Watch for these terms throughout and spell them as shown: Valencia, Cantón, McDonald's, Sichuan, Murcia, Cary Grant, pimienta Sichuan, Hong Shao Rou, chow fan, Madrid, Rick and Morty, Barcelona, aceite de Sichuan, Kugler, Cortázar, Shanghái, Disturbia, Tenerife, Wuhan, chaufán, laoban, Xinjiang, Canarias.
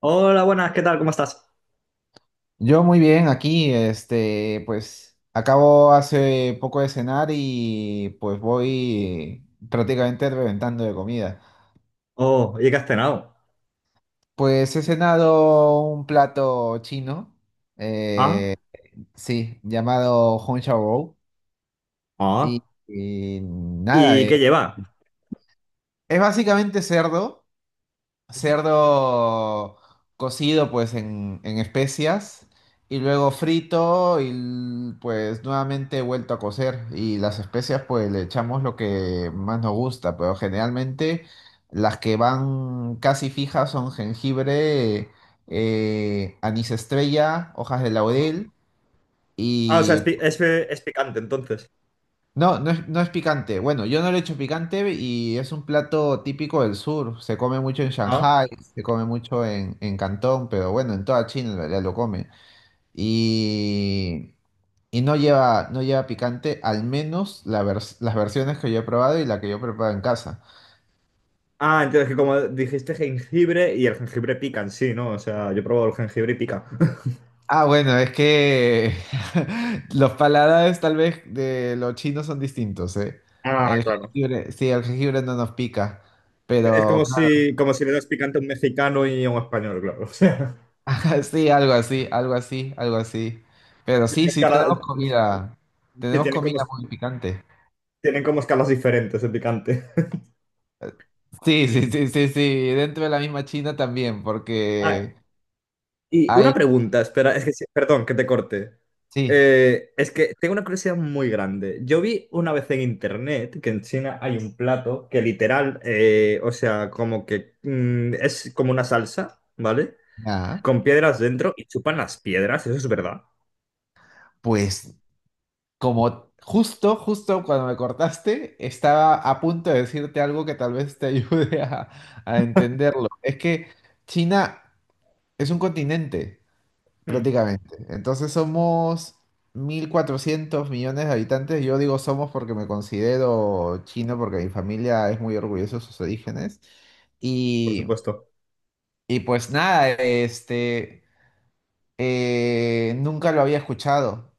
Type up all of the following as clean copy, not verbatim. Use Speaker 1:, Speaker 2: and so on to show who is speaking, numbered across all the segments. Speaker 1: Hola, buenas, ¿qué tal? ¿Cómo estás?
Speaker 2: Yo muy bien, aquí, este, pues acabo hace poco de cenar y pues voy prácticamente reventando de comida.
Speaker 1: Oh, ¿y qué has cenado?
Speaker 2: Pues he cenado un plato chino, eh,
Speaker 1: Ah,
Speaker 2: sí, llamado Hong Shao Rou,
Speaker 1: ah.
Speaker 2: y nada,
Speaker 1: ¿Y qué lleva?
Speaker 2: es básicamente cerdo.
Speaker 1: Ujú,
Speaker 2: Cerdo cocido pues en especias y luego frito y pues nuevamente vuelto a cocer, y las especias pues le echamos lo que más nos gusta, pero generalmente las que van casi fijas son jengibre, anís estrella, hojas de
Speaker 1: ajá.
Speaker 2: laurel
Speaker 1: Ah, o sea,
Speaker 2: y
Speaker 1: es picante entonces.
Speaker 2: no es picante. Bueno, yo no le echo picante y es un plato típico del sur. Se come mucho en
Speaker 1: Ah.
Speaker 2: Shanghái, se come mucho en Cantón, pero bueno, en toda China en realidad lo comen. Y, no lleva picante, al menos la las versiones que yo he probado y la que yo preparo en casa.
Speaker 1: Ah, entonces que como dijiste jengibre y el jengibre pica en sí, ¿no? O sea, yo he probado el jengibre y pica.
Speaker 2: Ah, bueno, es que los paladares tal vez de los chinos son distintos, ¿eh?
Speaker 1: Ah,
Speaker 2: El
Speaker 1: claro.
Speaker 2: jengibre, sí, el jengibre no nos pica,
Speaker 1: Es
Speaker 2: pero
Speaker 1: como si le das picante a un mexicano y a un español, claro. O sea,
Speaker 2: sí, algo así, algo así, algo así. Pero
Speaker 1: tienen
Speaker 2: sí, sí tenemos
Speaker 1: escala-
Speaker 2: comida.
Speaker 1: sí,
Speaker 2: Tenemos comida muy picante.
Speaker 1: tienen como escalas diferentes de picante.
Speaker 2: Sí, sí, sí, sí, sí. Dentro de la misma China también,
Speaker 1: Ah,
Speaker 2: porque
Speaker 1: y una
Speaker 2: hay,
Speaker 1: pregunta, espera, perdón, que te corte.
Speaker 2: sí.
Speaker 1: Es que tengo una curiosidad muy grande. Yo vi una vez en internet que en China hay un plato que literal, o sea, es como una salsa, ¿vale?
Speaker 2: Ah,
Speaker 1: Con piedras dentro y chupan las piedras, eso es verdad.
Speaker 2: pues como justo, justo cuando me cortaste, estaba a punto de decirte algo que tal vez te a entenderlo. Es que China es un continente.
Speaker 1: Mm,
Speaker 2: Prácticamente. Entonces somos 1.400 millones de habitantes. Yo digo somos porque me considero chino, porque mi familia es muy orgullosa de sus orígenes.
Speaker 1: por
Speaker 2: Y,
Speaker 1: supuesto.
Speaker 2: y pues nada, este, nunca lo había escuchado.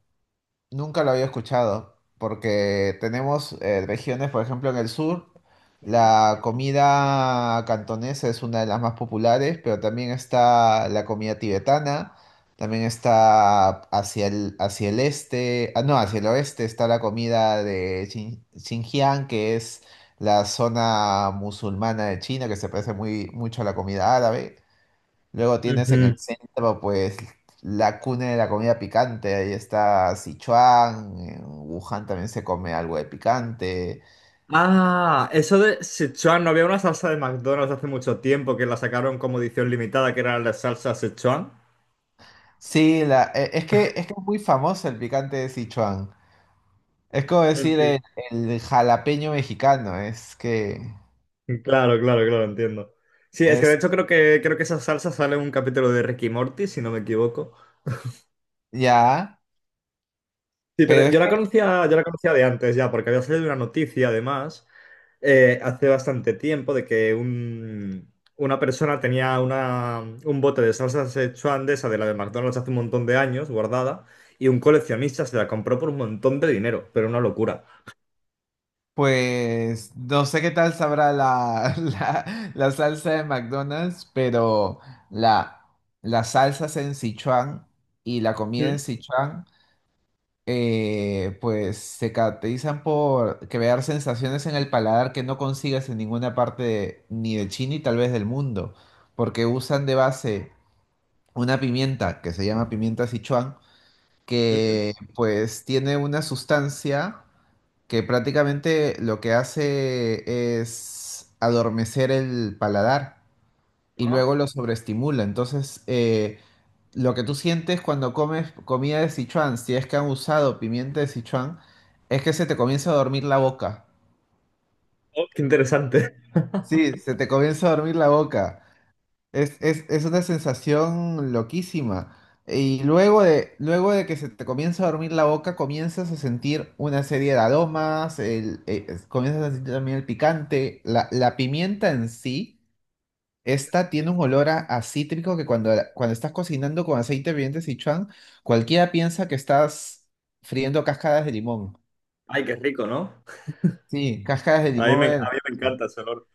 Speaker 2: Nunca lo había escuchado, porque tenemos regiones, por ejemplo, en el sur, la comida cantonesa es una de las más populares, pero también está la comida tibetana, también está hacia el este, ah, no, hacia el oeste está la comida de Xinjiang, que es la zona musulmana de China, que se parece mucho a la comida árabe. Luego tienes en el
Speaker 1: Ujú.
Speaker 2: centro, pues, la cuna de la comida picante. Ahí está Sichuan, en Wuhan también se come algo de picante.
Speaker 1: Ah, eso de Sichuan, no había una salsa de McDonald's hace mucho tiempo que la sacaron como edición limitada, que era la salsa Sichuan.
Speaker 2: Sí, la, es que es muy famoso el picante de Sichuan. Es como decir el jalapeño mexicano, es que
Speaker 1: Claro, claro, claro, entiendo. Sí, es que de
Speaker 2: es
Speaker 1: hecho creo que esa salsa sale en un capítulo de Ricky Morty, si no me equivoco.
Speaker 2: ya,
Speaker 1: Sí,
Speaker 2: pero
Speaker 1: pero
Speaker 2: es que,
Speaker 1: yo la conocía de antes ya, porque había salido una noticia además hace bastante tiempo una persona tenía un bote de salsa Szechuan de esa de la de McDonald's hace un montón de años guardada y un coleccionista se la compró por un montón de dinero, pero una locura.
Speaker 2: pues, no sé qué tal sabrá la salsa de McDonald's, pero la, las salsas en Sichuan y la comida
Speaker 1: Mm,
Speaker 2: en Sichuan. Pues se caracterizan por crear sensaciones en el paladar que no consigues en ninguna parte ni de China y tal vez del mundo, porque usan de base una pimienta que se llama pimienta Sichuan,
Speaker 1: ujú.
Speaker 2: que pues tiene una sustancia que prácticamente lo que hace es adormecer el paladar y
Speaker 1: Ah,
Speaker 2: luego lo sobreestimula. Entonces, lo que tú sientes cuando comes comida de Sichuan, si es que han usado pimienta de Sichuan, es que se te comienza a dormir la boca.
Speaker 1: oh, qué interesante.
Speaker 2: Sí, se te comienza a dormir la boca. Es una sensación loquísima. Y luego de que se te comienza a dormir la boca, comienzas a sentir una serie de aromas, comienzas a sentir también el picante, la pimienta en sí. Esta tiene un olor a cítrico que cuando estás cocinando con aceite de Sichuan, cualquiera piensa que estás friendo cascadas de limón.
Speaker 1: Ay, qué rico, ¿no?
Speaker 2: Sí, cascadas de limón.
Speaker 1: A mí me encanta ese olor.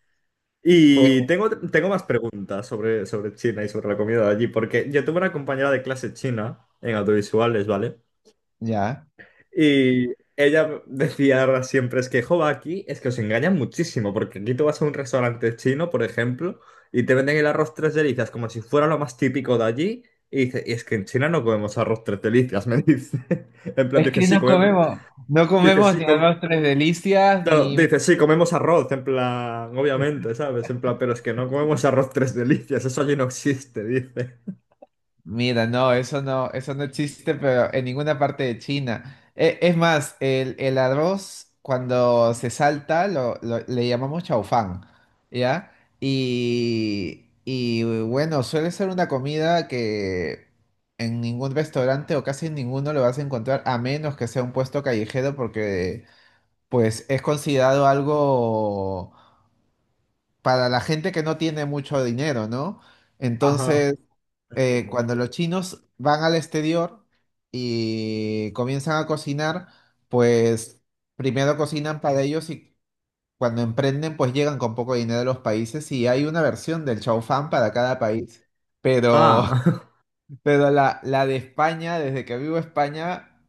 Speaker 2: Pues,
Speaker 1: Y tengo más preguntas sobre China y sobre la comida de allí, porque yo tuve una compañera de clase china en audiovisuales, ¿vale?
Speaker 2: ya.
Speaker 1: Y ella decía siempre, es que, jo, aquí es que os engañan muchísimo, porque aquí tú vas a un restaurante chino, por ejemplo, y te venden el arroz tres delicias como si fuera lo más típico de allí, y dice, y es que en China no comemos arroz tres delicias, me dice. En plan,
Speaker 2: Es
Speaker 1: dice,
Speaker 2: que
Speaker 1: sí,
Speaker 2: no
Speaker 1: comemos,
Speaker 2: comemos, no
Speaker 1: dice,
Speaker 2: comemos
Speaker 1: sí,
Speaker 2: ni
Speaker 1: com-
Speaker 2: almendras delicias,
Speaker 1: claro,
Speaker 2: ni
Speaker 1: dices, sí, comemos arroz, en plan, obviamente, ¿sabes? En plan, pero es que no comemos arroz tres delicias, eso allí no existe, dice.
Speaker 2: mira, eso no existe, pero en ninguna parte de China. Es más, el arroz cuando se salta le llamamos chaufán, ¿ya? Y bueno, suele ser una comida que en ningún restaurante o casi en ninguno lo vas a encontrar, a menos que sea un puesto callejero, porque pues es considerado algo para la gente que no tiene mucho dinero, ¿no?
Speaker 1: Ajá,
Speaker 2: Entonces
Speaker 1: entiendo.
Speaker 2: cuando los chinos van al exterior y comienzan a cocinar, pues primero cocinan para ellos, y cuando emprenden, pues llegan con poco dinero a los países y hay una versión del chow fan para cada país. Pero,
Speaker 1: Ah,
Speaker 2: pero la de España, desde que vivo en España,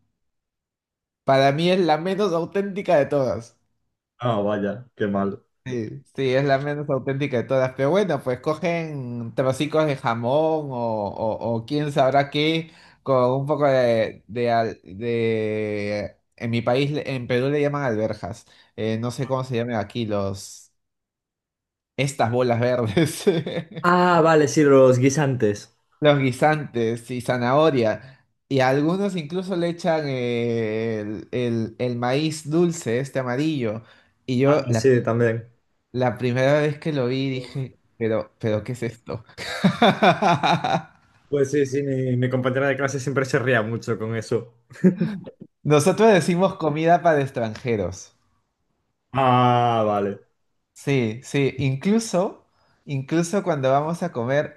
Speaker 2: para mí es la menos auténtica de todas.
Speaker 1: ah, vaya, qué mal.
Speaker 2: Sí, sí, es la menos auténtica de todas. Pero bueno, pues cogen trocitos de jamón o quién sabrá qué, con un poco en mi país, en Perú le llaman alberjas. No sé cómo se llaman aquí los... estas bolas verdes.
Speaker 1: Ah, vale, sí, los guisantes.
Speaker 2: Los guisantes y zanahoria. Y a algunos incluso le echan el maíz dulce, este amarillo. Y
Speaker 1: Ah,
Speaker 2: yo, la
Speaker 1: sí, también.
Speaker 2: la primera vez que lo vi
Speaker 1: Uf.
Speaker 2: dije, pero ¿qué es esto?
Speaker 1: Pues sí, sí, mi compañera de clase siempre se ría mucho con eso.
Speaker 2: Nosotros decimos comida para extranjeros.
Speaker 1: Ah, vale.
Speaker 2: Sí, sí, incluso, incluso cuando vamos a comer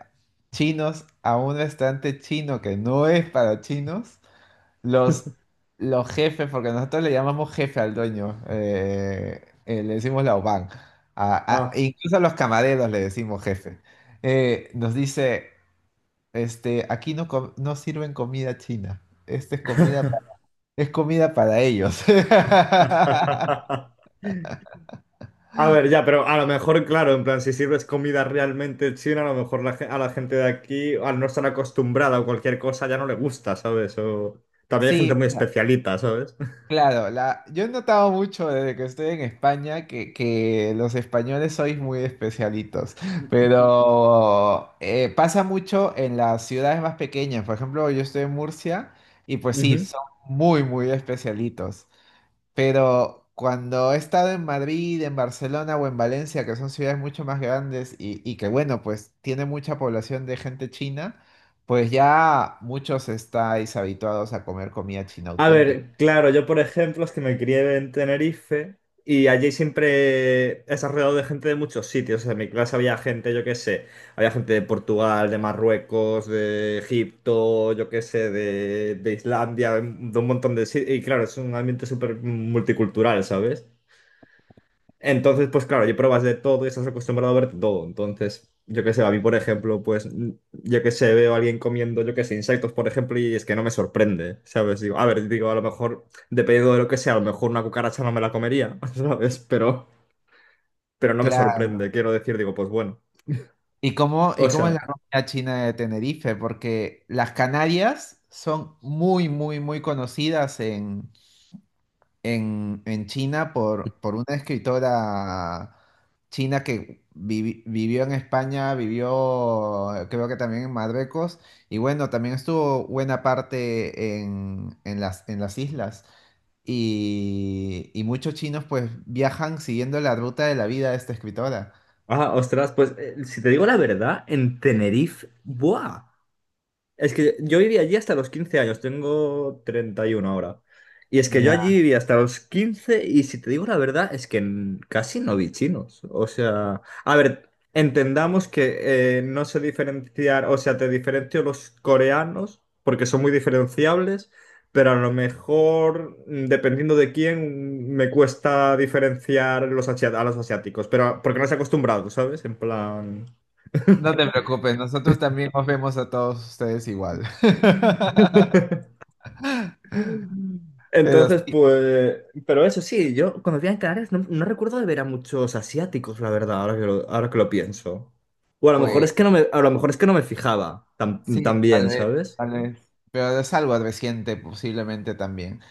Speaker 2: chinos a un restaurante chino que no es para chinos, los, los jefes, porque nosotros le llamamos jefe al dueño, le decimos laoban,
Speaker 1: Ah.
Speaker 2: e incluso a los camareros le decimos jefe, nos dice... este, aquí no, no sirven comida china. Esta es comida, es comida para ellos.
Speaker 1: A ver, ya, pero a lo mejor, claro, en plan, si sirves comida realmente china, a lo mejor a la gente de aquí, al no estar acostumbrada o cualquier cosa, ya no le gusta, ¿sabes? O también hay
Speaker 2: Sí,
Speaker 1: gente muy especialita, ¿sabes?
Speaker 2: claro. La, yo he notado mucho desde que estoy en España que los españoles sois muy especialitos, pero pasa mucho en las ciudades más pequeñas. Por ejemplo, yo estoy en Murcia y pues sí, son muy, muy especialitos. Pero cuando he estado en Madrid, en Barcelona o en Valencia, que son ciudades mucho más grandes y que, bueno, pues tiene mucha población de gente china, pues ya muchos estáis habituados a comer comida china
Speaker 1: A
Speaker 2: auténtica.
Speaker 1: ver, claro, yo por ejemplo es que me crié en Tenerife y allí siempre es alrededor de gente de muchos sitios. O sea, en mi clase había gente, yo qué sé, había gente de Portugal, de Marruecos, de Egipto, yo qué sé, de Islandia, de un montón de sitios. Y claro, es un ambiente súper multicultural, ¿sabes? Entonces, pues claro, yo pruebas de todo y estás acostumbrado a ver todo. Entonces, yo qué sé, a mí, por ejemplo, yo qué sé, veo a alguien comiendo, yo qué sé, insectos, por ejemplo, y es que no me sorprende, ¿sabes? Digo, a ver, digo, a lo mejor, dependiendo de lo que sea, a lo mejor una cucaracha no me la comería, ¿sabes? Pero no me sorprende,
Speaker 2: Claro.
Speaker 1: quiero decir, digo, pues bueno.
Speaker 2: Y
Speaker 1: O
Speaker 2: cómo es
Speaker 1: sea,
Speaker 2: la comida china de Tenerife? Porque las Canarias son muy, muy, muy conocidas en en China por una escritora china que vivió en España, vivió creo que también en Marruecos y bueno, también estuvo buena parte en las islas. Y muchos chinos pues viajan siguiendo la ruta de la vida de esta escritora.
Speaker 1: ah, ostras, pues si te digo la verdad, en Tenerife, ¡buah! Es que yo viví allí hasta los 15 años, tengo 31 ahora. Y es que yo allí
Speaker 2: Ya.
Speaker 1: viví hasta los 15 y si te digo la verdad es que casi no vi chinos. O sea, a ver, entendamos que no sé diferenciar, o sea, te diferencio los coreanos porque son muy diferenciables, pero a lo mejor, mm, dependiendo de quién, me cuesta diferenciar a los asiáticos, pero porque no estoy acostumbrado, ¿sabes? En plan...
Speaker 2: No te preocupes, nosotros también os vemos a todos ustedes igual. Pero
Speaker 1: Entonces,
Speaker 2: sí,
Speaker 1: pues, pero eso sí, yo cuando vivía en Canarias no recuerdo de ver a muchos asiáticos, la verdad, ahora que lo pienso. O a lo mejor
Speaker 2: pues.
Speaker 1: es que no me, a lo mejor es que no me fijaba tan
Speaker 2: Sí, tal
Speaker 1: bien,
Speaker 2: vez,
Speaker 1: ¿sabes?
Speaker 2: tal vez. Pero es algo reciente, posiblemente también.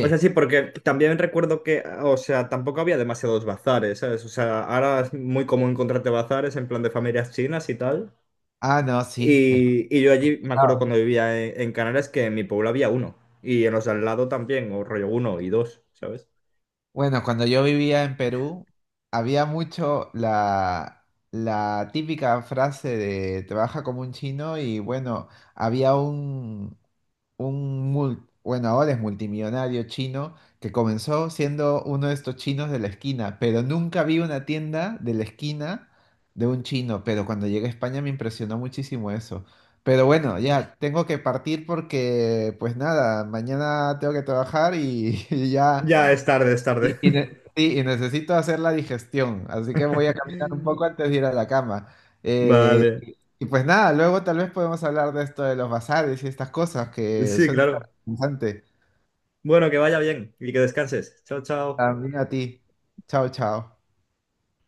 Speaker 1: O sea, sí, porque también recuerdo que, o sea, tampoco había demasiados bazares, ¿sabes? O sea, ahora es muy común encontrarte bazares en plan de familias chinas y tal.
Speaker 2: ah, no, sí. Es
Speaker 1: Y yo allí me acuerdo
Speaker 2: verdad.
Speaker 1: cuando vivía en Canarias que en mi pueblo había uno. Y en los de al lado también, o rollo uno y dos, ¿sabes?
Speaker 2: Bueno, cuando yo vivía en Perú, había mucho la típica frase de trabaja como un chino, y bueno, había bueno, ahora es multimillonario chino, que comenzó siendo uno de estos chinos de la esquina, pero nunca vi una tienda de la esquina de un chino, pero cuando llegué a España me impresionó muchísimo eso. Pero bueno, ya tengo que partir porque, pues nada, mañana tengo que trabajar y, y ya
Speaker 1: Ya es tarde, es tarde.
Speaker 2: sí, y necesito hacer la digestión, así que voy a caminar un poco antes de ir a la cama. Eh,
Speaker 1: Vale.
Speaker 2: y pues nada, luego tal vez podemos hablar de esto de los bazares y estas cosas que
Speaker 1: Sí,
Speaker 2: suena
Speaker 1: claro.
Speaker 2: tan interesante.
Speaker 1: Bueno, que vaya bien y que descanses. Chao, chao.
Speaker 2: También a ti. Chao, chao.